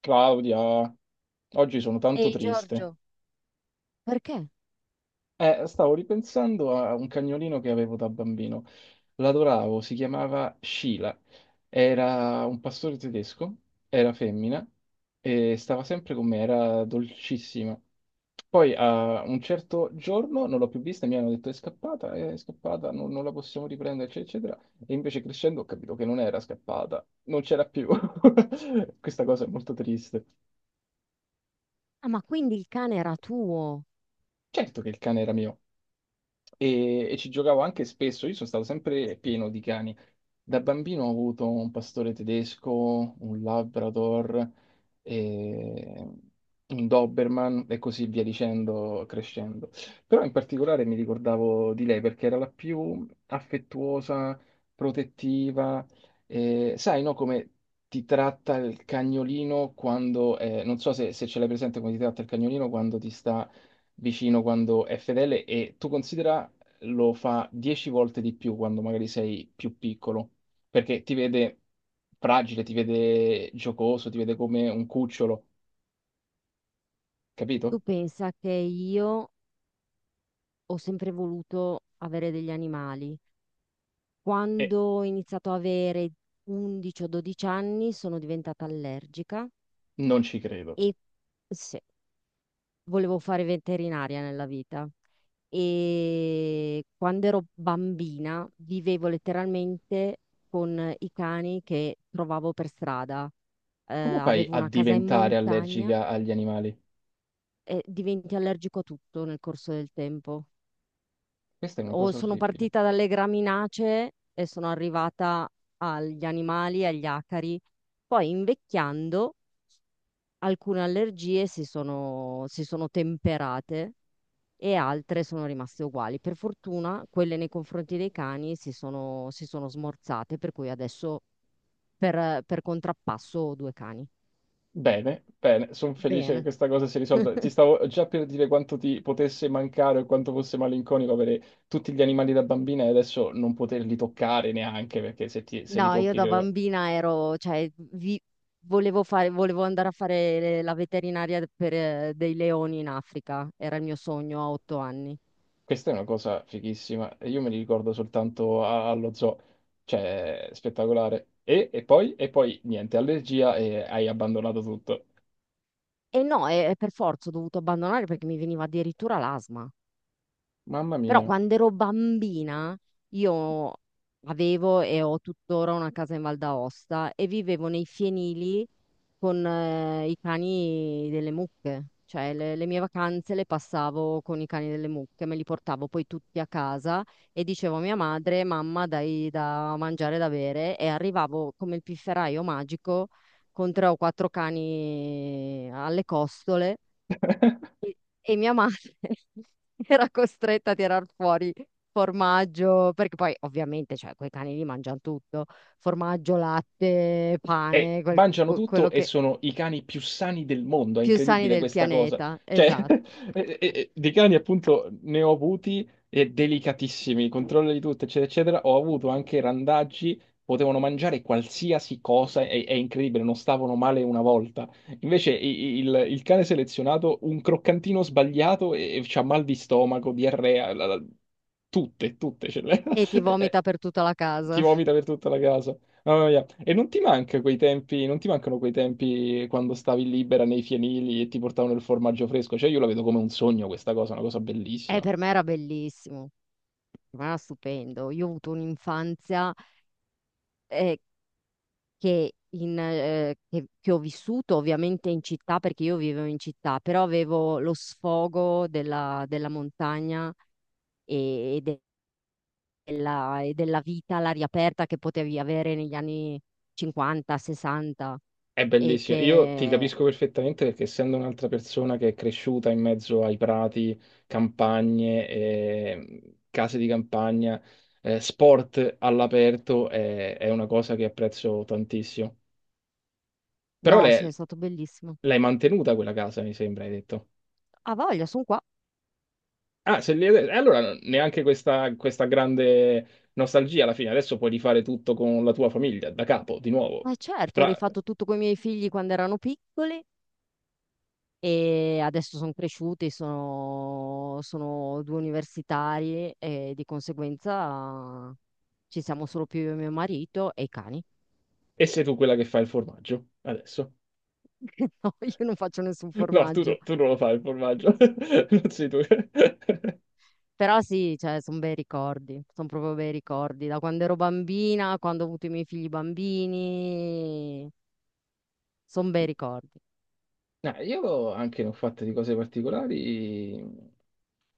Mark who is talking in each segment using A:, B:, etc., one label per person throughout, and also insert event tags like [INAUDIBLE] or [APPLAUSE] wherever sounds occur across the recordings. A: Claudia, oggi sono tanto
B: Ehi
A: triste.
B: Giorgio, perché?
A: Stavo ripensando a un cagnolino che avevo da bambino. L'adoravo, si chiamava Sheila. Era un pastore tedesco, era femmina e stava sempre con me, era dolcissima. Poi a un certo giorno non l'ho più vista, mi hanno detto è scappata, non la possiamo riprendere, eccetera, eccetera. E invece crescendo ho capito che non era scappata, non c'era più. [LAUGHS] Questa cosa è molto triste.
B: Ah, ma quindi il cane era tuo?
A: Certo che il cane era mio. E ci giocavo anche spesso. Io sono stato sempre pieno di cani. Da bambino ho avuto un pastore tedesco, un Labrador, e un Doberman e così via dicendo, crescendo. Però in particolare mi ricordavo di lei perché era la più affettuosa, protettiva. E sai, no, come ti tratta il cagnolino quando non so se, se ce l'hai presente come ti tratta il cagnolino quando ti sta vicino quando è fedele e tu considera lo fa 10 volte di più quando magari sei più piccolo, perché ti vede fragile, ti vede giocoso, ti vede come un cucciolo,
B: Tu
A: capito?
B: pensa che io ho sempre voluto avere degli animali.
A: E
B: Quando ho iniziato a avere 11 o 12 anni sono diventata allergica
A: non ci credo.
B: e se- volevo fare veterinaria nella vita. E quando ero bambina vivevo letteralmente con i cani che trovavo per strada.
A: Come fai
B: Avevo
A: a
B: una casa in
A: diventare
B: montagna.
A: allergica agli animali?
B: Diventi allergico a tutto nel corso del tempo.
A: Questa è una
B: O
A: cosa
B: sono
A: orribile.
B: partita dalle graminacee e sono arrivata agli animali, agli acari. Poi invecchiando alcune allergie si sono temperate e altre sono rimaste uguali. Per fortuna quelle nei confronti dei cani si sono smorzate, per cui adesso per contrappasso ho due cani.
A: Bene, bene, sono felice che
B: Bene.
A: questa cosa si risolva. Ti stavo già per dire quanto ti potesse mancare o quanto fosse malinconico avere tutti gli animali da bambina e adesso non poterli toccare neanche perché se, ti- se li
B: No, io
A: tocchi,
B: da
A: credo...
B: bambina ero, cioè, volevo fare, volevo andare a fare la veterinaria per dei leoni in Africa, era il mio sogno a 8 anni.
A: Questa è una cosa fighissima. E io me li ricordo soltanto a- allo zoo, cioè spettacolare. E poi niente, allergia e hai abbandonato tutto.
B: E no, e per forza ho dovuto abbandonare perché mi veniva addirittura l'asma.
A: Mamma
B: Però
A: mia.
B: quando ero bambina io avevo e ho tuttora una casa in Val d'Aosta e vivevo nei fienili con i cani delle mucche. Cioè le mie vacanze le passavo con i cani delle mucche, me li portavo poi tutti a casa e dicevo a mia madre, mamma, dai da mangiare e da bere, e arrivavo come il pifferaio magico con 3 o 4 cani alle costole
A: [LAUGHS]
B: e mia madre [LAUGHS] era costretta a tirar fuori formaggio, perché poi ovviamente, cioè, quei cani lì mangiano tutto, formaggio, latte,
A: E
B: pane,
A: mangiano tutto
B: quello
A: e
B: che...
A: sono i cani più sani del mondo. È
B: Più sani
A: incredibile
B: del
A: questa cosa.
B: pianeta,
A: Cioè,
B: esatto.
A: [LAUGHS] e di cani appunto ne ho avuti e delicatissimi, controllo di tutto, eccetera, eccetera. Ho avuto anche randaggi, potevano mangiare qualsiasi cosa, è incredibile, non stavano male una volta. Invece i- i- il cane selezionato, un croccantino sbagliato e c'ha mal di stomaco, diarrea, la- la- tutte, tutte ce le-
B: E ti
A: [LAUGHS] e-
B: vomita per tutta la
A: ti
B: casa.
A: vomita
B: [LAUGHS]
A: per tutta la casa. Mamma mia. E non ti manca quei tempi, non ti mancano quei tempi quando stavi libera nei fienili e ti portavano il formaggio fresco? Cioè, io la vedo come un sogno questa cosa, una cosa
B: E
A: bellissima.
B: per me era bellissimo, per me era stupendo. Io ho avuto un'infanzia eh, che, che ho vissuto ovviamente in città, perché io vivevo in città, però avevo lo sfogo della montagna e, della vita all'aria aperta che potevi avere negli anni 50, 60
A: È
B: e
A: bellissima. Io ti
B: che
A: capisco perfettamente perché essendo un'altra persona che è cresciuta in mezzo ai prati, campagne, case di campagna, sport all'aperto, è una cosa che apprezzo tantissimo. Però
B: no, sì, è stato bellissimo.
A: l'hai mantenuta quella casa, mi sembra, hai detto.
B: Ha voglia, sono qua.
A: Ah, se li- allora no, neanche questa, questa grande nostalgia alla fine. Adesso puoi rifare tutto con la tua famiglia, da capo, di nuovo.
B: Ma certo, ho
A: Fra-
B: rifatto tutto con i miei figli quando erano piccoli e adesso sono cresciuti, sono due universitari e di conseguenza ci siamo solo più io e mio marito e i cani.
A: e sei tu quella che fa il formaggio, adesso?
B: [LAUGHS] No, io non faccio nessun
A: No, no-
B: formaggio.
A: tu non lo fai il formaggio, [LAUGHS] non sei tu. [LAUGHS]
B: Però sì, cioè, sono bei ricordi, sono proprio bei ricordi. Da quando ero bambina, quando ho avuto i miei figli bambini, sono bei ricordi.
A: No, io anche ne ho fatte di cose particolari.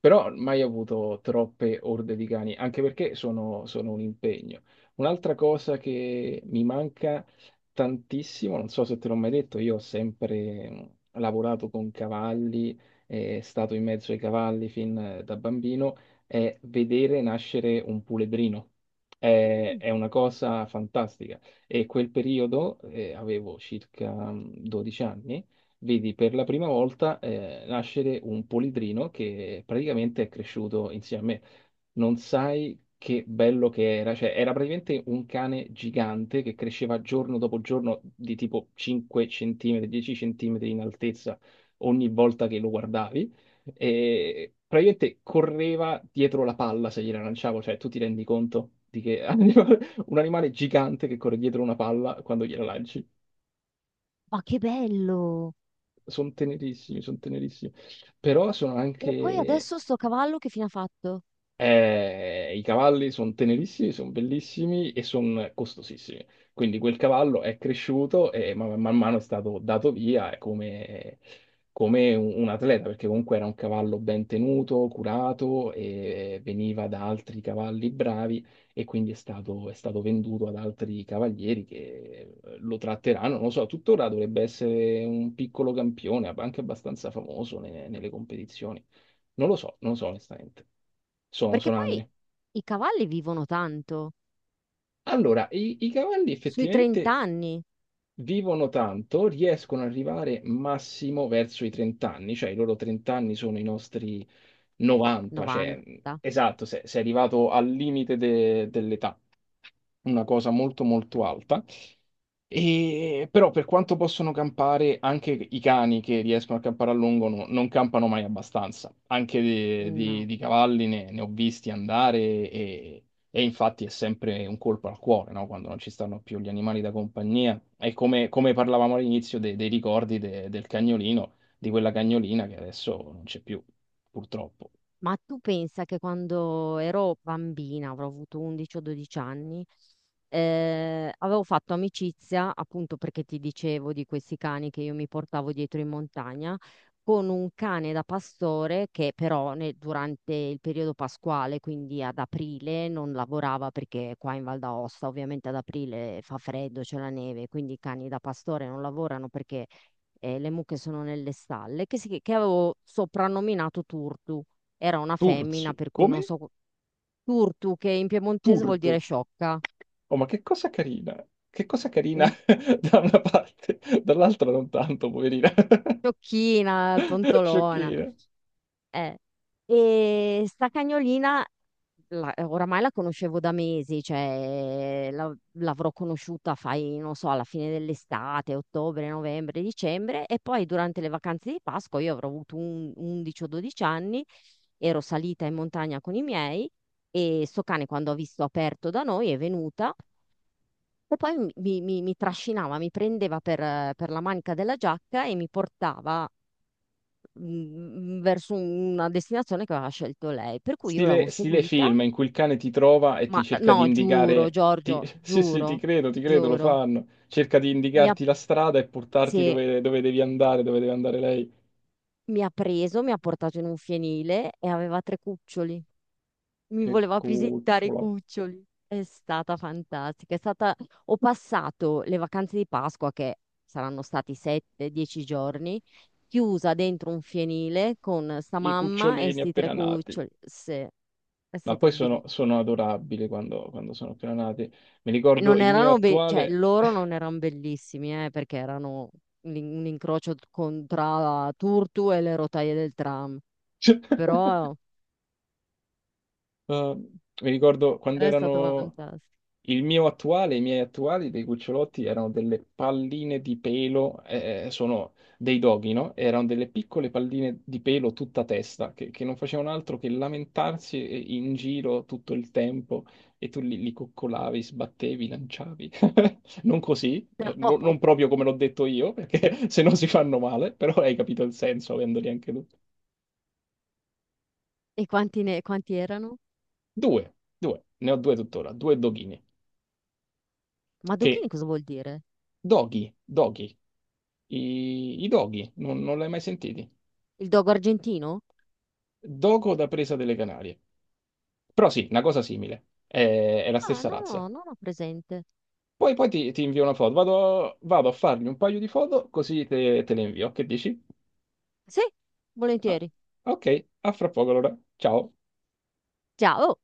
A: Però mai avuto troppe orde di cani, anche perché sono un impegno. Un'altra cosa che mi manca tantissimo, non so se te l'ho mai detto, io ho sempre lavorato con cavalli, stato in mezzo ai cavalli fin da bambino, è vedere nascere un puledrino. È,
B: Mm.
A: è una cosa fantastica. E quel periodo, avevo circa 12 anni vedi per la prima volta nascere un polidrino che praticamente è cresciuto insieme a me. Non sai che bello che era, cioè era praticamente un cane gigante che cresceva giorno dopo giorno di tipo 5 centimetri, 10 centimetri in altezza ogni volta che lo guardavi e praticamente correva dietro la palla se gliela lanciavo, cioè tu ti rendi conto di che [LAUGHS] animale- un animale gigante che corre dietro una palla quando gliela lanci.
B: Ma che bello!
A: Sono tenerissimi, sono tenerissimi, però sono
B: E poi
A: anche,
B: adesso sto cavallo che fine ha fatto?
A: i cavalli sono tenerissimi, sono bellissimi e sono costosissimi. Quindi quel cavallo è cresciuto e man mano è stato dato via come, come un atleta, perché comunque era un cavallo ben tenuto, curato e veniva da altri cavalli bravi e quindi è stato venduto ad altri cavalieri che lo tratteranno. Non lo so, tuttora dovrebbe essere un piccolo campione, anche abbastanza famoso ne- nelle competizioni. Non lo so, non lo so onestamente.
B: Perché
A: Sono
B: poi
A: anni.
B: i cavalli vivono tanto,
A: Allora, i cavalli
B: sui
A: effettivamente
B: 30 anni,
A: vivono tanto, riescono ad arrivare massimo verso i 30 anni, cioè i loro 30 anni sono i nostri 90, cioè,
B: 90,
A: esatto, sei arrivato al limite de- dell'età, una cosa molto molto alta. E, però per quanto possono campare, anche i cani che riescono a campare a lungo no- non campano mai abbastanza. Anche
B: no.
A: di cavalli ne ho visti andare e, e infatti è sempre un colpo al cuore, no? Quando non ci stanno più gli animali da compagnia. E come, come parlavamo all'inizio de- dei ricordi de- del cagnolino, di quella cagnolina che adesso non c'è più, purtroppo.
B: Ma tu pensa che quando ero bambina, avrò avuto 11 o 12 anni, avevo fatto amicizia, appunto perché ti dicevo di questi cani che io mi portavo dietro in montagna, con un cane da pastore che però durante il periodo pasquale, quindi ad aprile, non lavorava perché qua in Val d'Aosta ovviamente ad aprile fa freddo, c'è la neve, quindi i cani da pastore non lavorano perché le mucche sono nelle stalle, che, che avevo soprannominato Turtu. Era una
A: Turzu,
B: femmina, per cui non
A: come?
B: so, turtu, che in piemontese vuol dire
A: Turtu.
B: sciocca,
A: Oh, ma che cosa carina! Che cosa carina
B: mm,
A: [LAUGHS] da una parte, dall'altra non tanto, poverina.
B: sciocchina,
A: [LAUGHS]
B: tontolona.
A: Sciocchina.
B: Eh. E sta cagnolina, oramai la conoscevo da mesi, cioè l'avrò conosciuta, fai, non so, alla fine dell'estate, ottobre, novembre, dicembre, e poi durante le vacanze di Pasqua, io avrò avuto 11 o 12 anni, ero salita in montagna con i miei e sto cane quando ha visto aperto da noi è venuta. E poi mi trascinava, mi prendeva per la manica della giacca e mi portava mm, verso una destinazione che aveva scelto lei. Per cui io l'avevo
A: Stile, stile
B: seguita,
A: film in cui il cane ti trova e
B: ma
A: ti cerca di
B: no, giuro,
A: indicare. Ti-
B: Giorgio,
A: [LAUGHS] sì, sì,
B: giuro,
A: ti credo, lo
B: giuro,
A: fanno. Cerca di
B: mi ha,
A: indicarti la strada e portarti
B: sì,
A: dove, dove devi andare, dove deve andare lei.
B: mi ha preso, mi ha portato in un fienile e aveva 3 cuccioli. Mi
A: Che
B: voleva presentare i
A: cucciola.
B: cuccioli. È stata fantastica. È stata... Ho passato le vacanze di Pasqua, che saranno stati 7-10 giorni, chiusa dentro un fienile con sta
A: I
B: mamma e
A: cucciolini
B: sti tre
A: appena nati.
B: cuccioli. Sì, è
A: Ma
B: stato
A: poi
B: bellissimo.
A: sono adorabili quando, quando sono appena nati. Mi ricordo
B: Non
A: il mio
B: erano cioè
A: attuale.
B: loro non erano bellissimi, perché erano un incrocio tra Turtu e le rotaie del tram, però
A: [LAUGHS] Eh, mi ricordo quando
B: era stato
A: erano
B: fantastico.
A: il mio attuale, i miei attuali dei cucciolotti erano delle palline di pelo, sono dei doghi, no? Erano delle piccole palline di pelo tutta testa che non facevano altro che lamentarsi e- in giro tutto il tempo e tu li coccolavi, sbattevi, lanciavi. [LAUGHS] Non così,
B: [LAUGHS] No,
A: no- non proprio come l'ho detto io, perché [LAUGHS] se no si fanno male, però hai capito il senso avendoli anche tu.
B: e quanti, quanti erano?
A: Due, ne ho due tuttora, due doghini che
B: Madoghini cosa vuol dire?
A: doghi, doghi, i doghi, non l'hai mai sentiti?
B: Il dogo argentino?
A: Dogo da presa delle Canarie. Però sì, una cosa simile, è la
B: Ah,
A: stessa
B: no,
A: razza.
B: no, non ho presente.
A: Poi ti invio una foto, vado a fargli un paio di foto così te le invio, che dici?
B: Sì,
A: Ah,
B: volentieri.
A: ok, a fra poco allora, ciao.
B: Ciao.